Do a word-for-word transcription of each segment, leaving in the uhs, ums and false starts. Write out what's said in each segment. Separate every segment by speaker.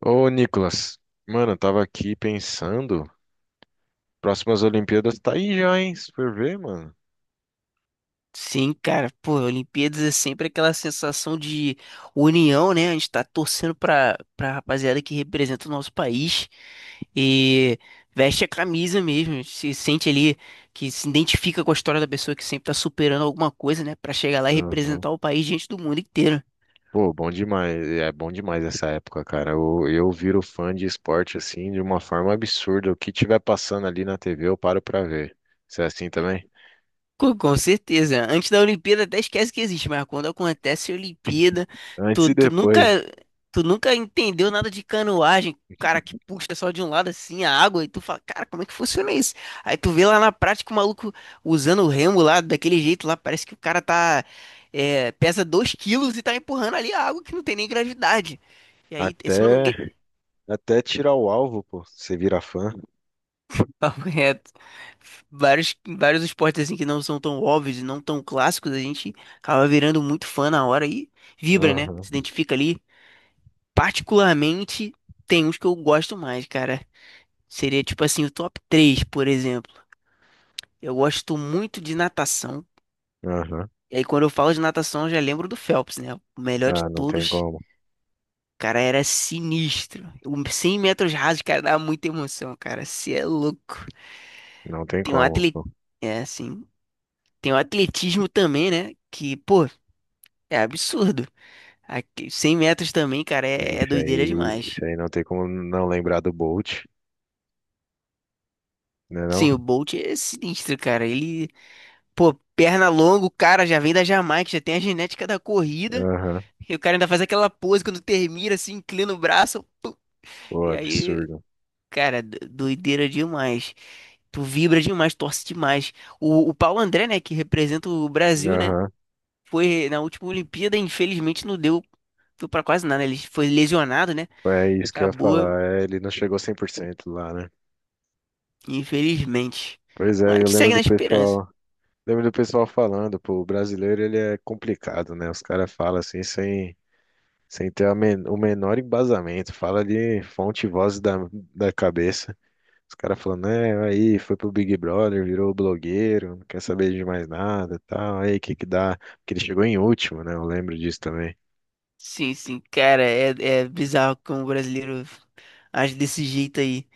Speaker 1: Ô, Nicolas, mano, eu tava aqui pensando, próximas Olimpíadas tá aí já, hein? Se for ver, mano.
Speaker 2: Sim, cara, pô, Olimpíadas é sempre aquela sensação de união, né? A gente tá torcendo pra, pra rapaziada que representa o nosso país e veste a camisa mesmo, a gente se sente ali que se identifica com a história da pessoa que sempre tá superando alguma coisa, né? Pra chegar lá e
Speaker 1: Aham.
Speaker 2: representar o país diante do mundo inteiro.
Speaker 1: Pô, bom demais, é bom demais essa época, cara. Eu, eu viro fã de esporte assim de uma forma absurda. O que tiver passando ali na T V, eu paro pra ver. Você é assim também?
Speaker 2: Com, com certeza. Antes da Olimpíada até esquece que existe, mas quando acontece a Olimpíada,
Speaker 1: Antes
Speaker 2: tu,
Speaker 1: e
Speaker 2: tu nunca,
Speaker 1: depois.
Speaker 2: tu nunca entendeu nada de canoagem, cara que puxa só de um lado assim a água e tu fala, cara, como é que funciona isso? Aí tu vê lá na prática o maluco usando o remo lá daquele jeito lá, parece que o cara tá é, pesa dois quilos e tá empurrando ali a água que não tem nem gravidade. E aí, se eu não me, engan-
Speaker 1: Até até tirar o alvo, pô. Você vira fã.
Speaker 2: Papo reto. Vários, vários esportes assim que não são tão óbvios e não tão clássicos, a gente acaba virando muito fã na hora e vibra, né?
Speaker 1: Aham,
Speaker 2: Se identifica ali. Particularmente, tem uns que eu gosto mais, cara. Seria tipo assim, o top três por exemplo. Eu gosto muito de natação.
Speaker 1: aham.
Speaker 2: E aí, quando eu falo de natação, eu já lembro do Phelps, né? O melhor de
Speaker 1: Ah, não tem
Speaker 2: todos.
Speaker 1: como.
Speaker 2: Cara, era sinistro. O cem metros rasos, cara, dava muita emoção, cara. Você é louco.
Speaker 1: Não tem
Speaker 2: Tem um
Speaker 1: como,
Speaker 2: atleta.
Speaker 1: pô.
Speaker 2: É, assim. Tem o atletismo também, né? Que, pô, é absurdo. Aqui, cem metros também, cara, é, é
Speaker 1: Isso
Speaker 2: doideira
Speaker 1: aí,
Speaker 2: demais.
Speaker 1: isso aí não tem como não lembrar do Bolt, né não?
Speaker 2: Sim, o Bolt é sinistro, cara. Ele, pô, perna longa, o cara já vem da Jamaica, já tem a genética da corrida.
Speaker 1: Aham.
Speaker 2: E o cara ainda faz aquela pose quando termina, assim, inclina o braço. Pum.
Speaker 1: Pô,
Speaker 2: E aí,
Speaker 1: absurdo.
Speaker 2: cara, do- doideira demais. Tu vibra demais, torce demais. O, o Paulo André, né, que representa o Brasil, né?
Speaker 1: Aham.
Speaker 2: Foi na última Olimpíada, infelizmente não deu, deu pra quase nada. Ele foi lesionado, né?
Speaker 1: Foi isso que eu ia
Speaker 2: Acabou,
Speaker 1: falar. É, ele não chegou cem por cento lá, né?
Speaker 2: infelizmente.
Speaker 1: Pois
Speaker 2: Mas a
Speaker 1: é, eu
Speaker 2: gente
Speaker 1: lembro
Speaker 2: segue
Speaker 1: do
Speaker 2: na esperança.
Speaker 1: pessoal, lembro do pessoal falando, pô, o brasileiro ele é complicado, né? Os caras falam assim sem, sem ter a men- o menor embasamento, fala de fonte e voz da, da cabeça. Os caras falando, é, aí foi pro Big Brother, virou blogueiro, não quer saber de mais nada, tal, aí que que dá? Porque ele chegou em último, né? Eu lembro disso também.
Speaker 2: Sim, sim, cara, é, é, bizarro como o brasileiro age desse jeito aí.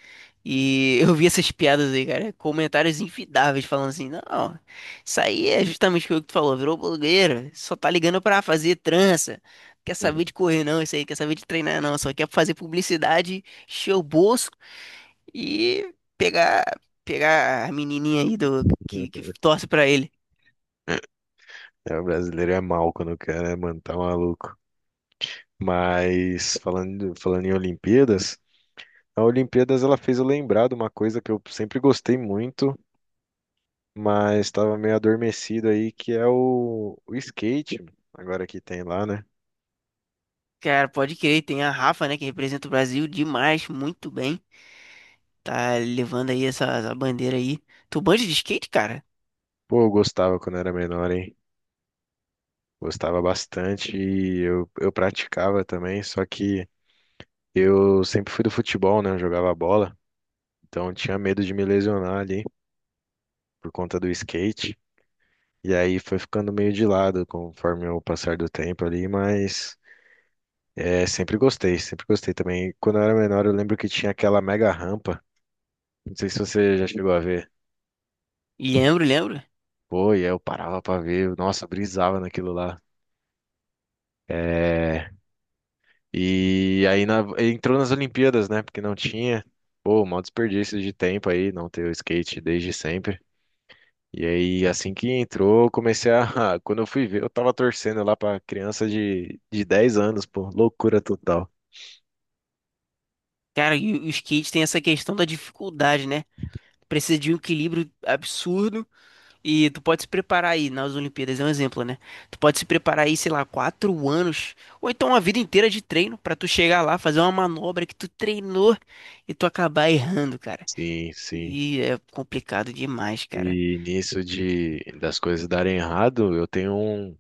Speaker 2: E eu vi essas piadas aí, cara, comentários infidáveis falando assim: não, isso aí é justamente o que tu falou, virou blogueiro, só tá ligando pra fazer trança, quer saber de correr não, isso aí, quer saber de treinar não, só quer fazer publicidade, encher o bolso e pegar, pegar a menininha aí do, que, que torce pra ele.
Speaker 1: É, o brasileiro é mal quando quer, né, mano? Tá maluco. Mas falando, falando em Olimpíadas. A Olimpíadas ela fez eu lembrar de uma coisa que eu sempre gostei muito, mas estava meio adormecido aí, que é o, o skate, agora que tem lá, né?
Speaker 2: Cara, pode crer, tem a Rafa, né, que representa o Brasil demais, muito bem. Tá levando aí essa, essa bandeira aí. Tu manja de skate, cara?
Speaker 1: Pô, eu gostava quando era menor, hein? Gostava bastante e eu, eu praticava também, só que eu sempre fui do futebol, né? Eu jogava bola, então eu tinha medo de me lesionar ali por conta do skate. E aí foi ficando meio de lado conforme o passar do tempo ali, mas é, sempre gostei, sempre gostei também. Quando eu era menor, eu lembro que tinha aquela mega rampa. Não sei se você já chegou a ver.
Speaker 2: Lembro, lembro.
Speaker 1: Pô, e aí eu parava pra ver. Nossa, eu brisava naquilo lá. É, e aí na- entrou nas Olimpíadas, né? Porque não tinha. Pô, maior desperdício de tempo aí, não ter o skate desde sempre. E aí, assim que entrou, eu comecei a. Quando eu fui ver, eu tava torcendo lá pra criança de, de dez anos, pô. Loucura total.
Speaker 2: Cara, e o o skate tem essa questão da dificuldade, né? Precisa de um equilíbrio absurdo e tu pode se preparar aí nas Olimpíadas, é um exemplo, né? Tu pode se preparar aí, sei lá, quatro anos ou então uma vida inteira de treino pra tu chegar lá, fazer uma manobra que tu treinou e tu acabar errando, cara.
Speaker 1: Sim, sim.
Speaker 2: E é complicado demais, cara.
Speaker 1: E nisso de das coisas darem errado, eu tenho um,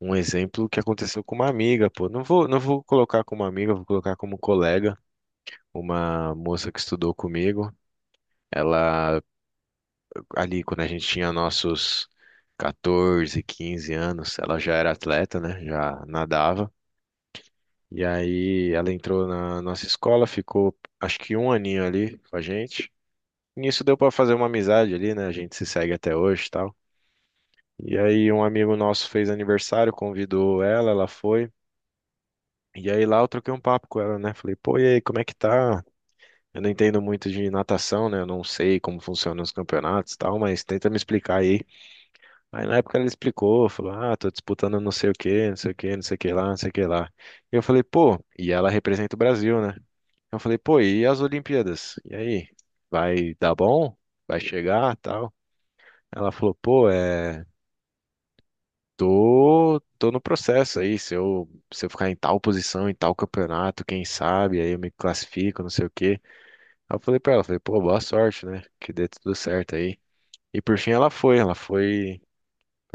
Speaker 1: um exemplo que aconteceu com uma amiga, pô. Não vou, não vou colocar como amiga, vou colocar como colega, uma moça que estudou comigo. Ela ali quando a gente tinha nossos catorze, quinze anos, ela já era atleta, né? Já nadava. E aí ela entrou na nossa escola, ficou acho que um aninho ali com a gente. Nisso deu pra fazer uma amizade ali, né? A gente se segue até hoje, e tal. E aí um amigo nosso fez aniversário, convidou ela, ela foi. E aí lá eu troquei um papo com ela, né? Falei, pô, e aí, como é que tá? Eu não entendo muito de natação, né? Eu não sei como funcionam os campeonatos e tal, mas tenta me explicar aí. Aí na época ela explicou, falou, ah, tô disputando não sei o quê, não sei o quê, não sei o que lá, não sei o que lá. E eu falei, pô, e ela representa o Brasil, né? Eu falei, pô, e as Olimpíadas? E aí, vai dar bom? Vai chegar, tal? Ela falou, pô, é. Tô, tô no processo aí. Se eu, se eu ficar em tal posição, em tal campeonato, quem sabe, aí eu me classifico, não sei o quê. Aí eu falei pra ela, falei, pô, boa sorte, né? Que dê tudo certo aí. E por fim ela foi, ela foi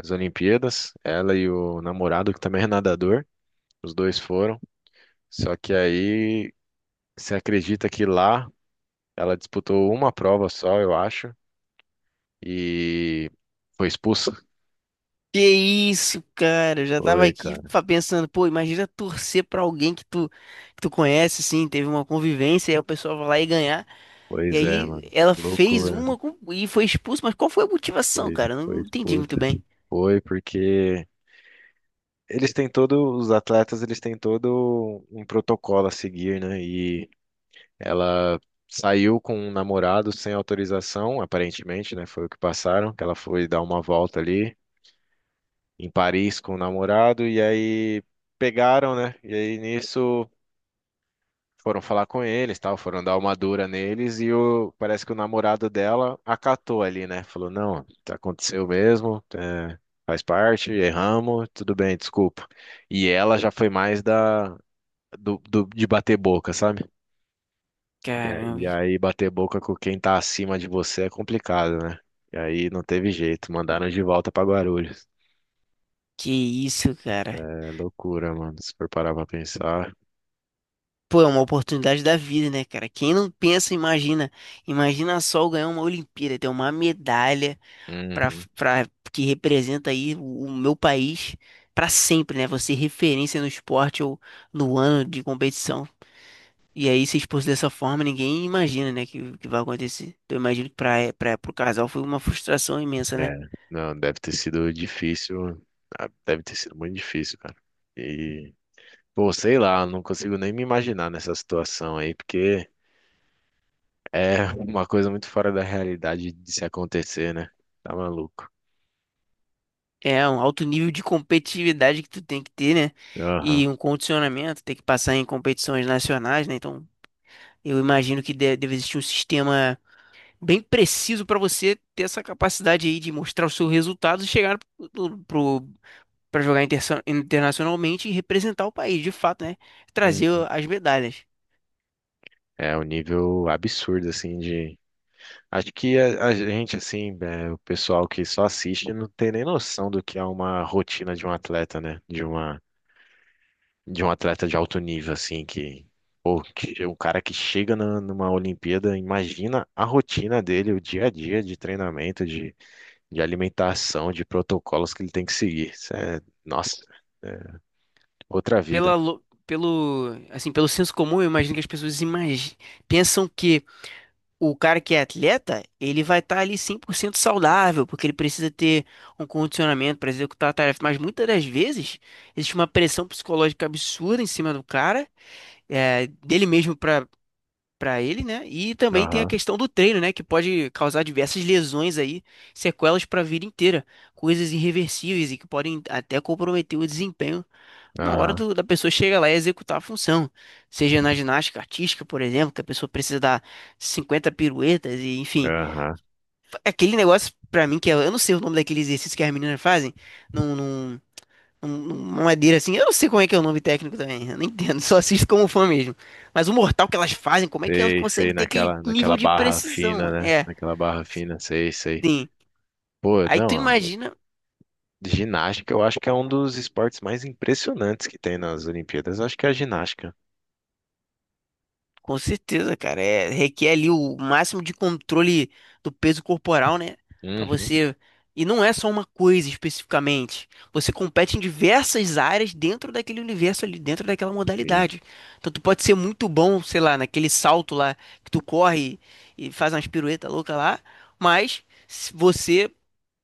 Speaker 1: às Olimpíadas, ela e o namorado, que também é nadador, os dois foram. Só que aí, você acredita que lá ela disputou uma prova só, eu acho, e foi expulsa?
Speaker 2: Que isso, cara? Eu já tava
Speaker 1: Foi,
Speaker 2: aqui
Speaker 1: cara.
Speaker 2: fa- pensando, pô, imagina torcer pra alguém que tu, que tu conhece, assim, teve uma convivência, e aí o pessoal vai lá e ganhar. E
Speaker 1: Pois é,
Speaker 2: aí
Speaker 1: mano.
Speaker 2: ela fez
Speaker 1: Loucura.
Speaker 2: uma com- e foi expulso, mas qual foi a motivação,
Speaker 1: Foi,
Speaker 2: cara? Eu
Speaker 1: foi
Speaker 2: não entendi muito
Speaker 1: expulsa.
Speaker 2: bem.
Speaker 1: Foi porque eles têm todo, os atletas, eles têm todo um protocolo a seguir, né? E ela saiu com um namorado sem autorização, aparentemente, né? Foi o que passaram, que ela foi dar uma volta ali em Paris com o namorado e aí pegaram, né? E aí nisso foram falar com eles, tal, foram dar uma dura neles e o, parece que o namorado dela acatou ali, né? Falou, não, tá- aconteceu mesmo, é, faz parte, erramos, tudo bem, desculpa. E ela já foi mais da do, do- de bater boca, sabe? E, aí e
Speaker 2: Caramba,
Speaker 1: aí bater boca com quem tá acima de você é complicado, né? E aí não teve jeito, mandaram de volta pra Guarulhos.
Speaker 2: que isso, cara?
Speaker 1: É loucura, mano, se for parar pra pensar.
Speaker 2: Pô, é uma oportunidade da vida, né, cara? Quem não pensa, imagina. Imagina só eu ganhar uma Olimpíada, ter uma medalha. Para
Speaker 1: Uhum.
Speaker 2: que representa aí o, o meu país para sempre, né? Você referência no esporte ou no ano de competição. E aí, se expor dessa forma, ninguém imagina, né, que, que, vai acontecer. Então, eu imagino que para para pro casal foi uma frustração imensa, né?
Speaker 1: É, não, deve ter sido difícil. Ah, deve ter sido muito difícil, cara. E, pô, sei lá, não consigo nem me imaginar nessa situação aí, porque é uma coisa muito fora da realidade de se acontecer, né? Tá maluco.
Speaker 2: É um alto nível de competitividade que tu tem que ter, né?
Speaker 1: Aham.
Speaker 2: E um condicionamento, tem que passar em competições nacionais, né? Então, eu imagino que de- deve existir um sistema bem preciso para você ter essa capacidade aí de mostrar os seus resultados e chegar pro, pro para jogar interso- internacionalmente e representar o país, de fato, né? Trazer
Speaker 1: Uhum.
Speaker 2: as medalhas.
Speaker 1: É um nível absurdo, assim, de. Acho que a, a gente, assim, é, o pessoal que só assiste não tem nem noção do que é uma rotina de um atleta, né? De uma. De um atleta de alto nível, assim, que, pô, que o cara que chega na- numa Olimpíada, imagina a rotina dele, o dia a dia de treinamento, de, de alimentação, de protocolos que ele tem que seguir. Isso é, nossa, outra vida.
Speaker 2: Pela, lo- pelo, assim, pelo senso comum, eu imagino que as pessoas imagi- pensam que o cara que é atleta, ele vai estar ali cem por cento saudável, porque ele precisa ter um condicionamento para executar a tarefa. Mas muitas das vezes, existe uma pressão psicológica absurda em cima do cara, é, dele mesmo para ele, né? E também tem a
Speaker 1: Aham,
Speaker 2: questão do treino, né? Que pode causar diversas lesões aí, sequelas para a vida inteira, coisas irreversíveis e que podem até comprometer o desempenho na hora
Speaker 1: aham,
Speaker 2: do- da pessoa chegar lá e executar a função. Seja na ginástica artística, por exemplo, que a pessoa precisa dar cinquenta piruetas e enfim.
Speaker 1: aham.
Speaker 2: É aquele negócio, para mim, que é, eu não sei o nome daquele exercício que as meninas fazem, não, não um- uma madeira assim. Eu não sei como é que é o nome técnico também, eu não entendo, só assisto como fã mesmo. Mas o mortal que elas fazem, como é que elas
Speaker 1: Sei, sei,
Speaker 2: conseguem ter aquele
Speaker 1: naquela, naquela
Speaker 2: nível de
Speaker 1: barra fina,
Speaker 2: precisão?
Speaker 1: né?
Speaker 2: É,
Speaker 1: Naquela barra fina, sei, sei.
Speaker 2: sim.
Speaker 1: Pô,
Speaker 2: Aí
Speaker 1: não,
Speaker 2: tu
Speaker 1: ó,
Speaker 2: imagina.
Speaker 1: ginástica eu acho que é um dos esportes mais impressionantes que tem nas Olimpíadas. Eu acho que é a ginástica.
Speaker 2: Com certeza, cara. É, requer ali o máximo de controle do peso corporal, né? Pra
Speaker 1: Uhum,
Speaker 2: você. E não é só uma coisa especificamente. Você compete em diversas áreas dentro daquele universo ali, dentro daquela
Speaker 1: sim,
Speaker 2: modalidade. Então tu pode ser muito bom, sei lá, naquele salto lá que tu corre e faz umas piruetas loucas lá, mas se- você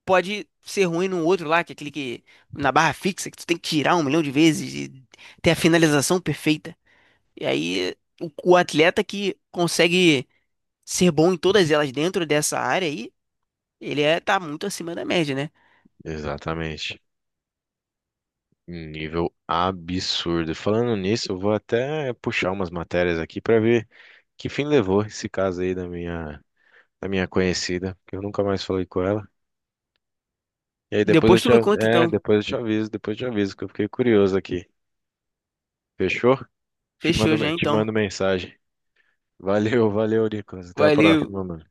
Speaker 2: pode ser ruim no outro lá, que é aquele que na barra fixa que tu tem que tirar um milhão de vezes e ter a finalização perfeita. E aí, o, o atleta que consegue ser bom em todas elas dentro dessa área aí, ele é, tá muito acima da média, né?
Speaker 1: exatamente. Um nível absurdo. Falando nisso, eu vou até puxar umas matérias aqui para ver que fim levou esse caso aí da minha, da minha conhecida, que eu nunca mais falei com ela. E aí depois
Speaker 2: Depois
Speaker 1: eu
Speaker 2: tu
Speaker 1: te,
Speaker 2: me
Speaker 1: av-
Speaker 2: conta,
Speaker 1: é,
Speaker 2: então.
Speaker 1: depois eu te aviso, depois eu te aviso, que eu fiquei curioso aqui. Fechou? Te
Speaker 2: Fechou
Speaker 1: mando,
Speaker 2: já,
Speaker 1: me- te
Speaker 2: então.
Speaker 1: mando mensagem. Valeu, valeu, Nicolas. Até a
Speaker 2: Valeu.
Speaker 1: próxima, mano.